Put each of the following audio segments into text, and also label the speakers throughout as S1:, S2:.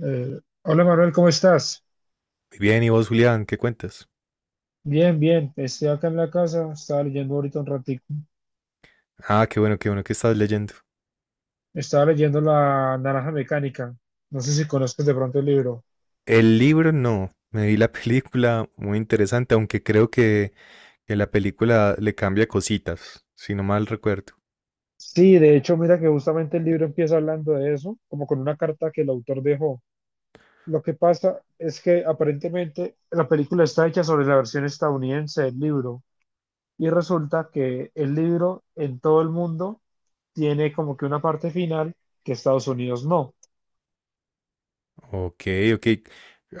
S1: Hola Manuel, ¿cómo estás?
S2: Muy bien, ¿y vos, Julián, qué cuentas?
S1: Bien, bien, estoy acá en la casa, estaba leyendo ahorita un ratico.
S2: Ah, qué bueno que estás leyendo.
S1: Estaba leyendo La Naranja Mecánica, no sé si conozcas de pronto el libro.
S2: El libro no, me vi la película muy interesante, aunque que la película le cambia cositas, si no mal recuerdo.
S1: Sí, de hecho, mira que justamente el libro empieza hablando de eso, como con una carta que el autor dejó. Lo que pasa es que aparentemente la película está hecha sobre la versión estadounidense del libro y resulta que el libro en todo el mundo tiene como que una parte final que Estados Unidos no.
S2: Ok, ok.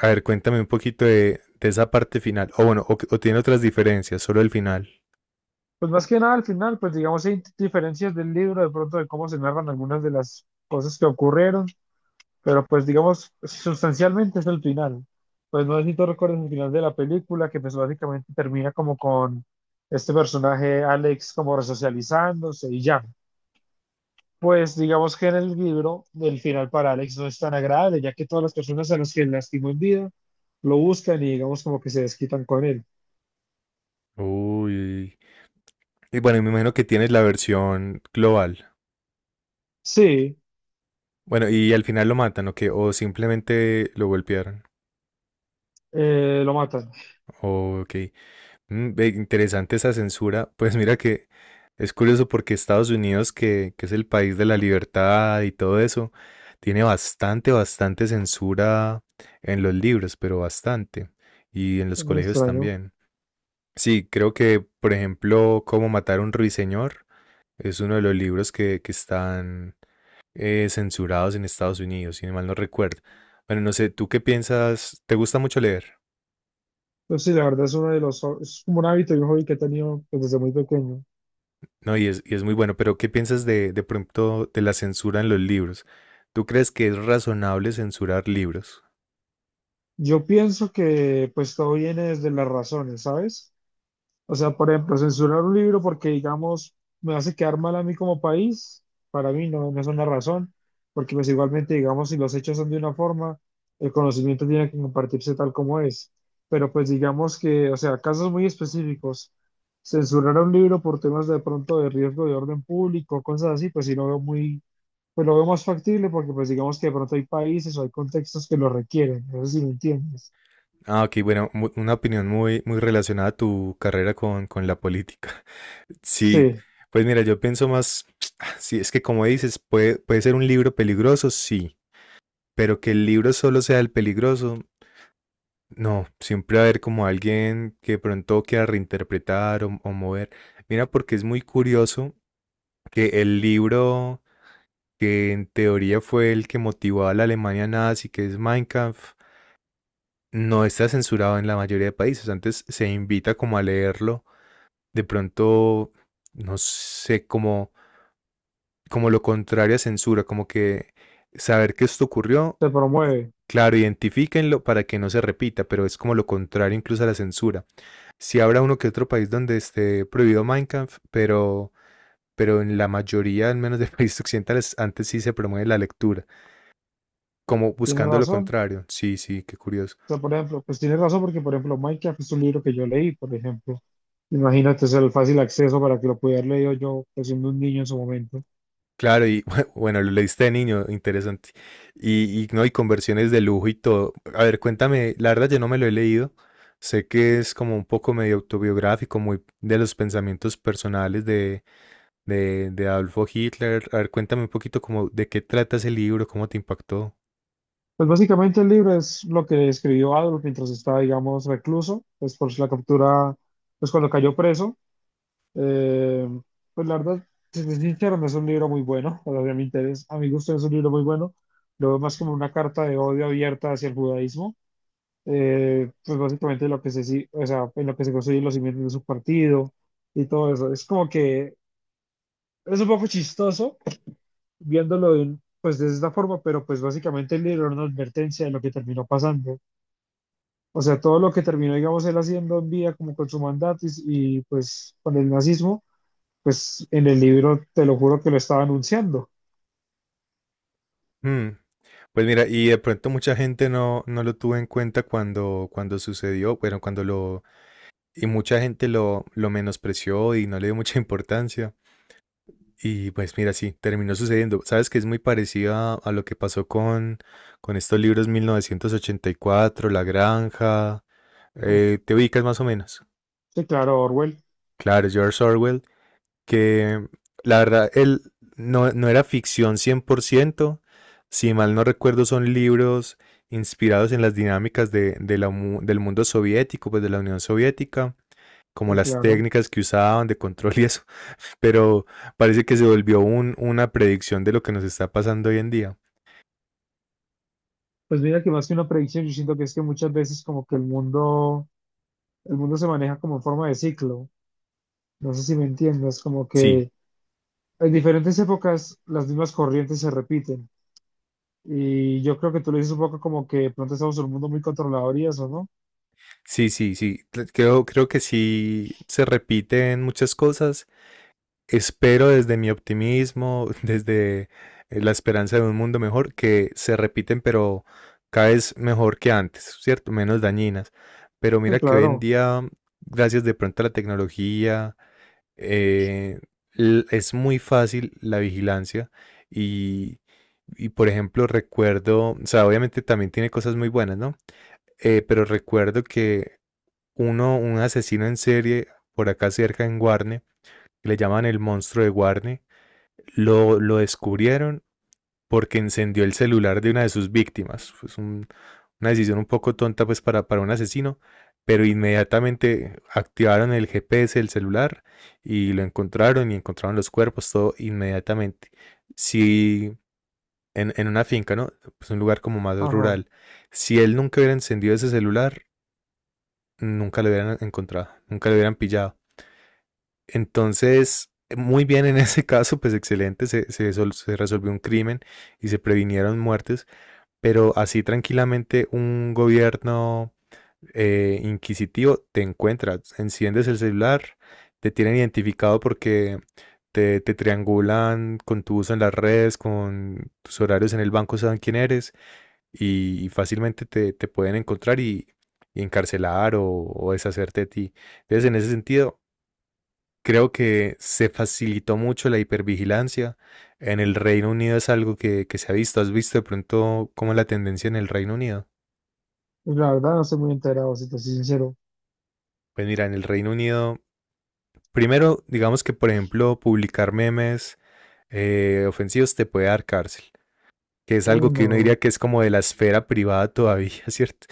S2: A ver, cuéntame un poquito de esa parte final. O bueno, o tiene otras diferencias, solo el final.
S1: Pues más que nada al final, pues digamos, hay diferencias del libro de pronto de cómo se narran algunas de las cosas que ocurrieron, pero pues digamos, sustancialmente es el final. Pues no sé si tú recuerdas el final de la película, que pues básicamente termina como con este personaje Alex como resocializándose y ya. Pues digamos que en el libro el final para Alex no es tan agradable, ya que todas las personas a las que lastimó en vida lo buscan y digamos como que se desquitan con él.
S2: Uy. Y bueno, me imagino que tienes la versión global.
S1: Sí,
S2: Bueno, y al final lo matan, ¿o qué? O simplemente lo golpearon.
S1: lo matan.
S2: Ok. Mm, ve, interesante esa censura. Pues mira que es curioso porque Estados Unidos, que es el país de la libertad y todo eso, tiene bastante censura en los libros, pero bastante. Y en los
S1: Muy
S2: colegios
S1: extraño.
S2: también. Sí, por ejemplo, Cómo matar a un ruiseñor es uno de los libros que están censurados en Estados Unidos, si mal no recuerdo. Bueno, no sé, ¿tú qué piensas? ¿Te gusta mucho leer?
S1: Entonces sí, la verdad es uno de los, es como un hábito y un hobby que he tenido pues, desde muy pequeño.
S2: No, y es muy bueno, pero ¿qué piensas de pronto de la censura en los libros? ¿Tú crees que es razonable censurar libros?
S1: Yo pienso que pues todo viene desde las razones, ¿sabes? O sea, por ejemplo, censurar un libro porque, digamos, me hace quedar mal a mí como país, para mí no, no es una razón, porque pues igualmente, digamos, si los hechos son de una forma, el conocimiento tiene que compartirse tal como es. Pero pues digamos que, o sea, casos muy específicos, censurar un libro por temas de pronto de riesgo de orden público, cosas así, pues sí lo veo muy pues lo veo más factible porque pues digamos que de pronto hay países o hay contextos que lo requieren, no sé si me entiendes.
S2: Ah, ok, bueno, una opinión muy relacionada a tu carrera con la política. Sí,
S1: Sí,
S2: pues mira, sí, es que como dices, puede ser un libro peligroso, sí, pero que el libro solo sea el peligroso, no, siempre va a haber como alguien que pronto quiera reinterpretar o mover. Mira, porque es muy curioso que el libro que en teoría fue el que motivó a la Alemania nazi, que es Mein Kampf, no está censurado en la mayoría de países. Antes se invita como a leerlo, de pronto, no sé, como, como lo contrario a censura, como que saber que esto ocurrió,
S1: se promueve,
S2: claro, identifíquenlo para que no se repita, pero es como lo contrario incluso a la censura. Si habrá uno que otro país donde esté prohibido Mein Kampf, pero en la mayoría, al menos de países occidentales, antes sí se promueve la lectura, como
S1: tienes
S2: buscando lo
S1: razón.
S2: contrario. Sí, sí, qué curioso.
S1: O sea, por ejemplo, pues tienes razón porque, por ejemplo, Minecraft es un libro que yo leí, por ejemplo. Imagínate es el fácil acceso para que lo pudiera haber leído yo, pues, siendo un niño en su momento.
S2: Claro, y bueno, lo leíste de niño, interesante. Y no, y conversiones de lujo y todo. A ver, cuéntame, la verdad yo no me lo he leído. Sé que es como un poco medio autobiográfico, muy de los pensamientos personales de Adolfo Hitler. A ver, cuéntame un poquito como de qué trata ese libro, cómo te impactó.
S1: Pues básicamente el libro es lo que escribió Adolf mientras estaba, digamos, recluso, pues por la captura, pues cuando cayó preso. Eh, pues la verdad, si soy sincero, no es un libro muy bueno, o sea, a mi interés, a mi gusto no es un libro muy bueno, lo veo más como una carta de odio abierta hacia el judaísmo, pues básicamente lo que se, si- o sea, en lo que se construyen los cimientos de su partido y todo eso. Es como que es un poco chistoso viéndolo pues de esta forma, pero pues básicamente el libro era una advertencia de lo que terminó pasando. O sea, todo lo que terminó, digamos, él haciendo en vida como con su mandato y pues con el nazismo, pues en el libro te lo juro que lo estaba anunciando.
S2: Hmm. Pues mira, y de pronto mucha gente no, no lo tuvo en cuenta cuando, cuando sucedió, bueno, y mucha gente lo menospreció y no le dio mucha importancia. Y pues mira, sí, terminó sucediendo. Sabes que es muy parecida a lo que pasó con estos libros 1984, La Granja.
S1: Uf,
S2: ¿Te ubicas más o menos?
S1: sí, claro, Orwell,
S2: Claro, George Orwell, que la verdad, él no, no era ficción 100%. Si mal no recuerdo, son libros inspirados en las dinámicas de la del mundo soviético, pues de la Unión Soviética, como
S1: sí,
S2: las
S1: claro.
S2: técnicas que usaban de control y eso, pero parece que se volvió una predicción de lo que nos está pasando hoy en día.
S1: Pues mira que más que una predicción, yo siento que es que muchas veces como que el mundo se maneja como en forma de ciclo. No sé si me entiendes, como
S2: Sí,
S1: que en diferentes épocas las mismas corrientes se repiten. Y yo creo que tú lo dices un poco como que de pronto estamos en un mundo muy controlador y eso, ¿no?
S2: sí, sí, sí, creo que sí se repiten muchas cosas. Espero desde mi optimismo, desde la esperanza de un mundo mejor, que se repiten, pero cada vez mejor que antes, ¿cierto? Menos dañinas. Pero
S1: Sí,
S2: mira que hoy en
S1: claro.
S2: día, gracias de pronto a la tecnología, eh, es muy fácil la vigilancia y, y, por ejemplo, recuerdo, o sea, obviamente también tiene cosas muy buenas, ¿no? Pero recuerdo que un asesino en serie por acá cerca en Guarne, que le llaman el monstruo de Guarne, lo descubrieron porque encendió el celular de una de sus víctimas. Una decisión un poco tonta pues para un asesino, pero inmediatamente activaron el GPS del celular y lo encontraron y encontraron los cuerpos, todo inmediatamente. Si en una finca, ¿no? Pues un lugar como más
S1: Ajá.
S2: rural, si él nunca hubiera encendido ese celular, nunca lo hubieran encontrado, nunca lo hubieran pillado. Entonces, muy bien en ese caso, pues excelente, se resolvió un crimen y se previnieron muertes, pero así tranquilamente un gobierno inquisitivo te encuentra, enciendes el celular, te tienen identificado porque te triangulan con tu uso en las redes, con tus horarios en el banco, saben quién eres y fácilmente te pueden encontrar y encarcelar o deshacerte de ti. Entonces, en ese sentido, creo que se facilitó mucho la hipervigilancia. En el Reino Unido es algo que se ha visto. ¿Has visto de pronto cómo es la tendencia en el Reino Unido?
S1: Pues la verdad no estoy muy enterado, si te soy sincero.
S2: Pues mira, en el Reino Unido, primero, digamos que por ejemplo, publicar memes ofensivos te puede dar cárcel, que es
S1: Uy,
S2: algo que uno
S1: no.
S2: diría que es como de la esfera privada todavía, ¿cierto?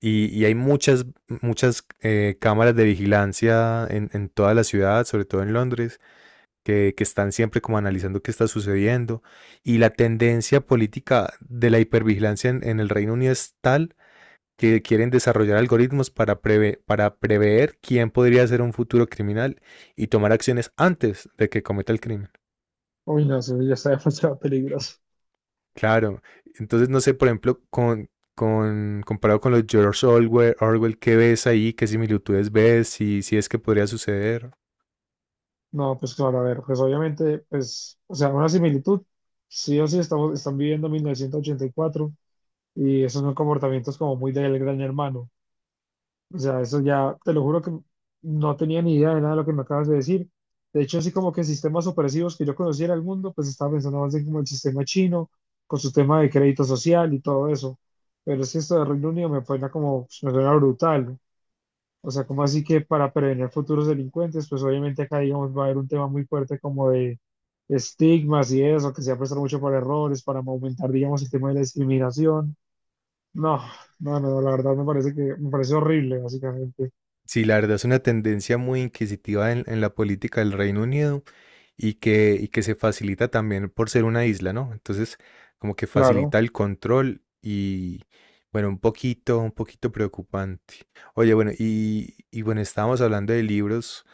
S2: Y hay muchas cámaras de vigilancia en toda la ciudad, sobre todo en Londres, que están siempre como analizando qué está sucediendo. Y la tendencia política de la hipervigilancia en el Reino Unido es tal que quieren desarrollar algoritmos para prever quién podría ser un futuro criminal y tomar acciones antes de que cometa el crimen.
S1: Uy, no, eso ya está demasiado peligroso.
S2: Claro, entonces no sé, por ejemplo, comparado con los Orwell, ¿qué ves ahí? ¿Qué similitudes ves? Si, si es que podría suceder.
S1: No, pues claro, a ver, pues obviamente, pues, o sea, una similitud. Sí o sí están viviendo 1984 y cuatro y esos son comportamientos como muy del gran hermano. O sea, eso ya, te lo juro que no tenía ni idea de nada de lo que me acabas de decir. De hecho, así como que sistemas opresivos que yo conociera el mundo, pues estaba pensando más en como el sistema chino, con su tema de crédito social y todo eso. Pero es que esto de Reino Unido me suena como, me suena brutal. O sea, como así que para prevenir futuros delincuentes, pues obviamente acá, digamos, va a haber un tema muy fuerte como de estigmas y eso, que se va a prestar mucho para errores, para aumentar, digamos, el tema de la discriminación. No, no, no, la verdad me parece horrible, básicamente.
S2: Sí, la verdad es una tendencia muy inquisitiva en la política del Reino Unido y y que se facilita también por ser una isla, ¿no? Entonces, como que
S1: Claro.
S2: facilita el control y, bueno, un poquito preocupante. Oye, bueno, y bueno, estábamos hablando de libros.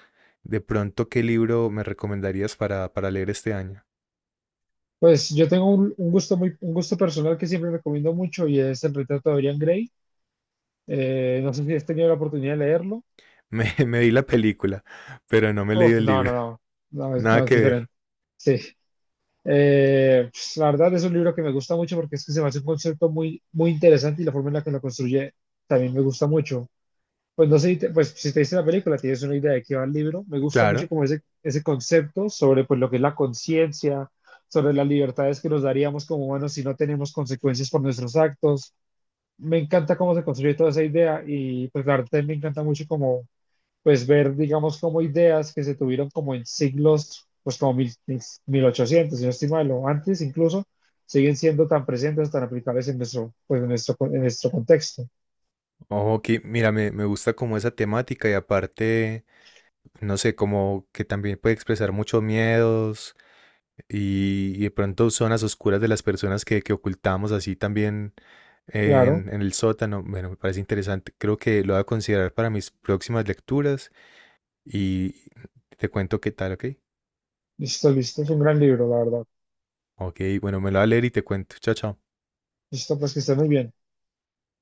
S2: De pronto, ¿qué libro me recomendarías para leer este año?
S1: Pues yo tengo un un gusto personal que siempre recomiendo mucho y es el retrato de Dorian Gray. No sé si has tenido la oportunidad de leerlo.
S2: Me vi la película, pero no me he leído
S1: Uf,
S2: el
S1: no,
S2: libro.
S1: no, no, no, es,
S2: Nada
S1: no, es
S2: que ver.
S1: diferente. Sí. Pues, la verdad es un libro que me gusta mucho porque es que se me hace un concepto muy, muy interesante y la forma en la que lo construye también me gusta mucho. Pues no sé, pues si te dice la película, tienes una idea de qué va el libro. Me gusta mucho
S2: Claro.
S1: como ese concepto sobre pues lo que es la conciencia, sobre las libertades que nos daríamos como humanos si no tenemos consecuencias por nuestros actos. Me encanta cómo se construye toda esa idea y pues la verdad me encanta mucho como pues ver, digamos, como ideas que se tuvieron como en siglos, pues como ochocientos si no estoy mal, o antes incluso, siguen siendo tan presentes, tan aplicables en nuestro, en nuestro contexto.
S2: Ok, mira, me gusta como esa temática y aparte, no sé, como que también puede expresar muchos miedos y de pronto zonas oscuras de las personas que ocultamos así también
S1: Claro,
S2: en el sótano. Bueno, me parece interesante. Creo que lo voy a considerar para mis próximas lecturas y te cuento qué tal, ¿ok?
S1: listo, listo, es un gran libro, la verdad.
S2: Ok, bueno, me lo voy a leer y te cuento. Chao, chao.
S1: Listo, pues que esté muy bien.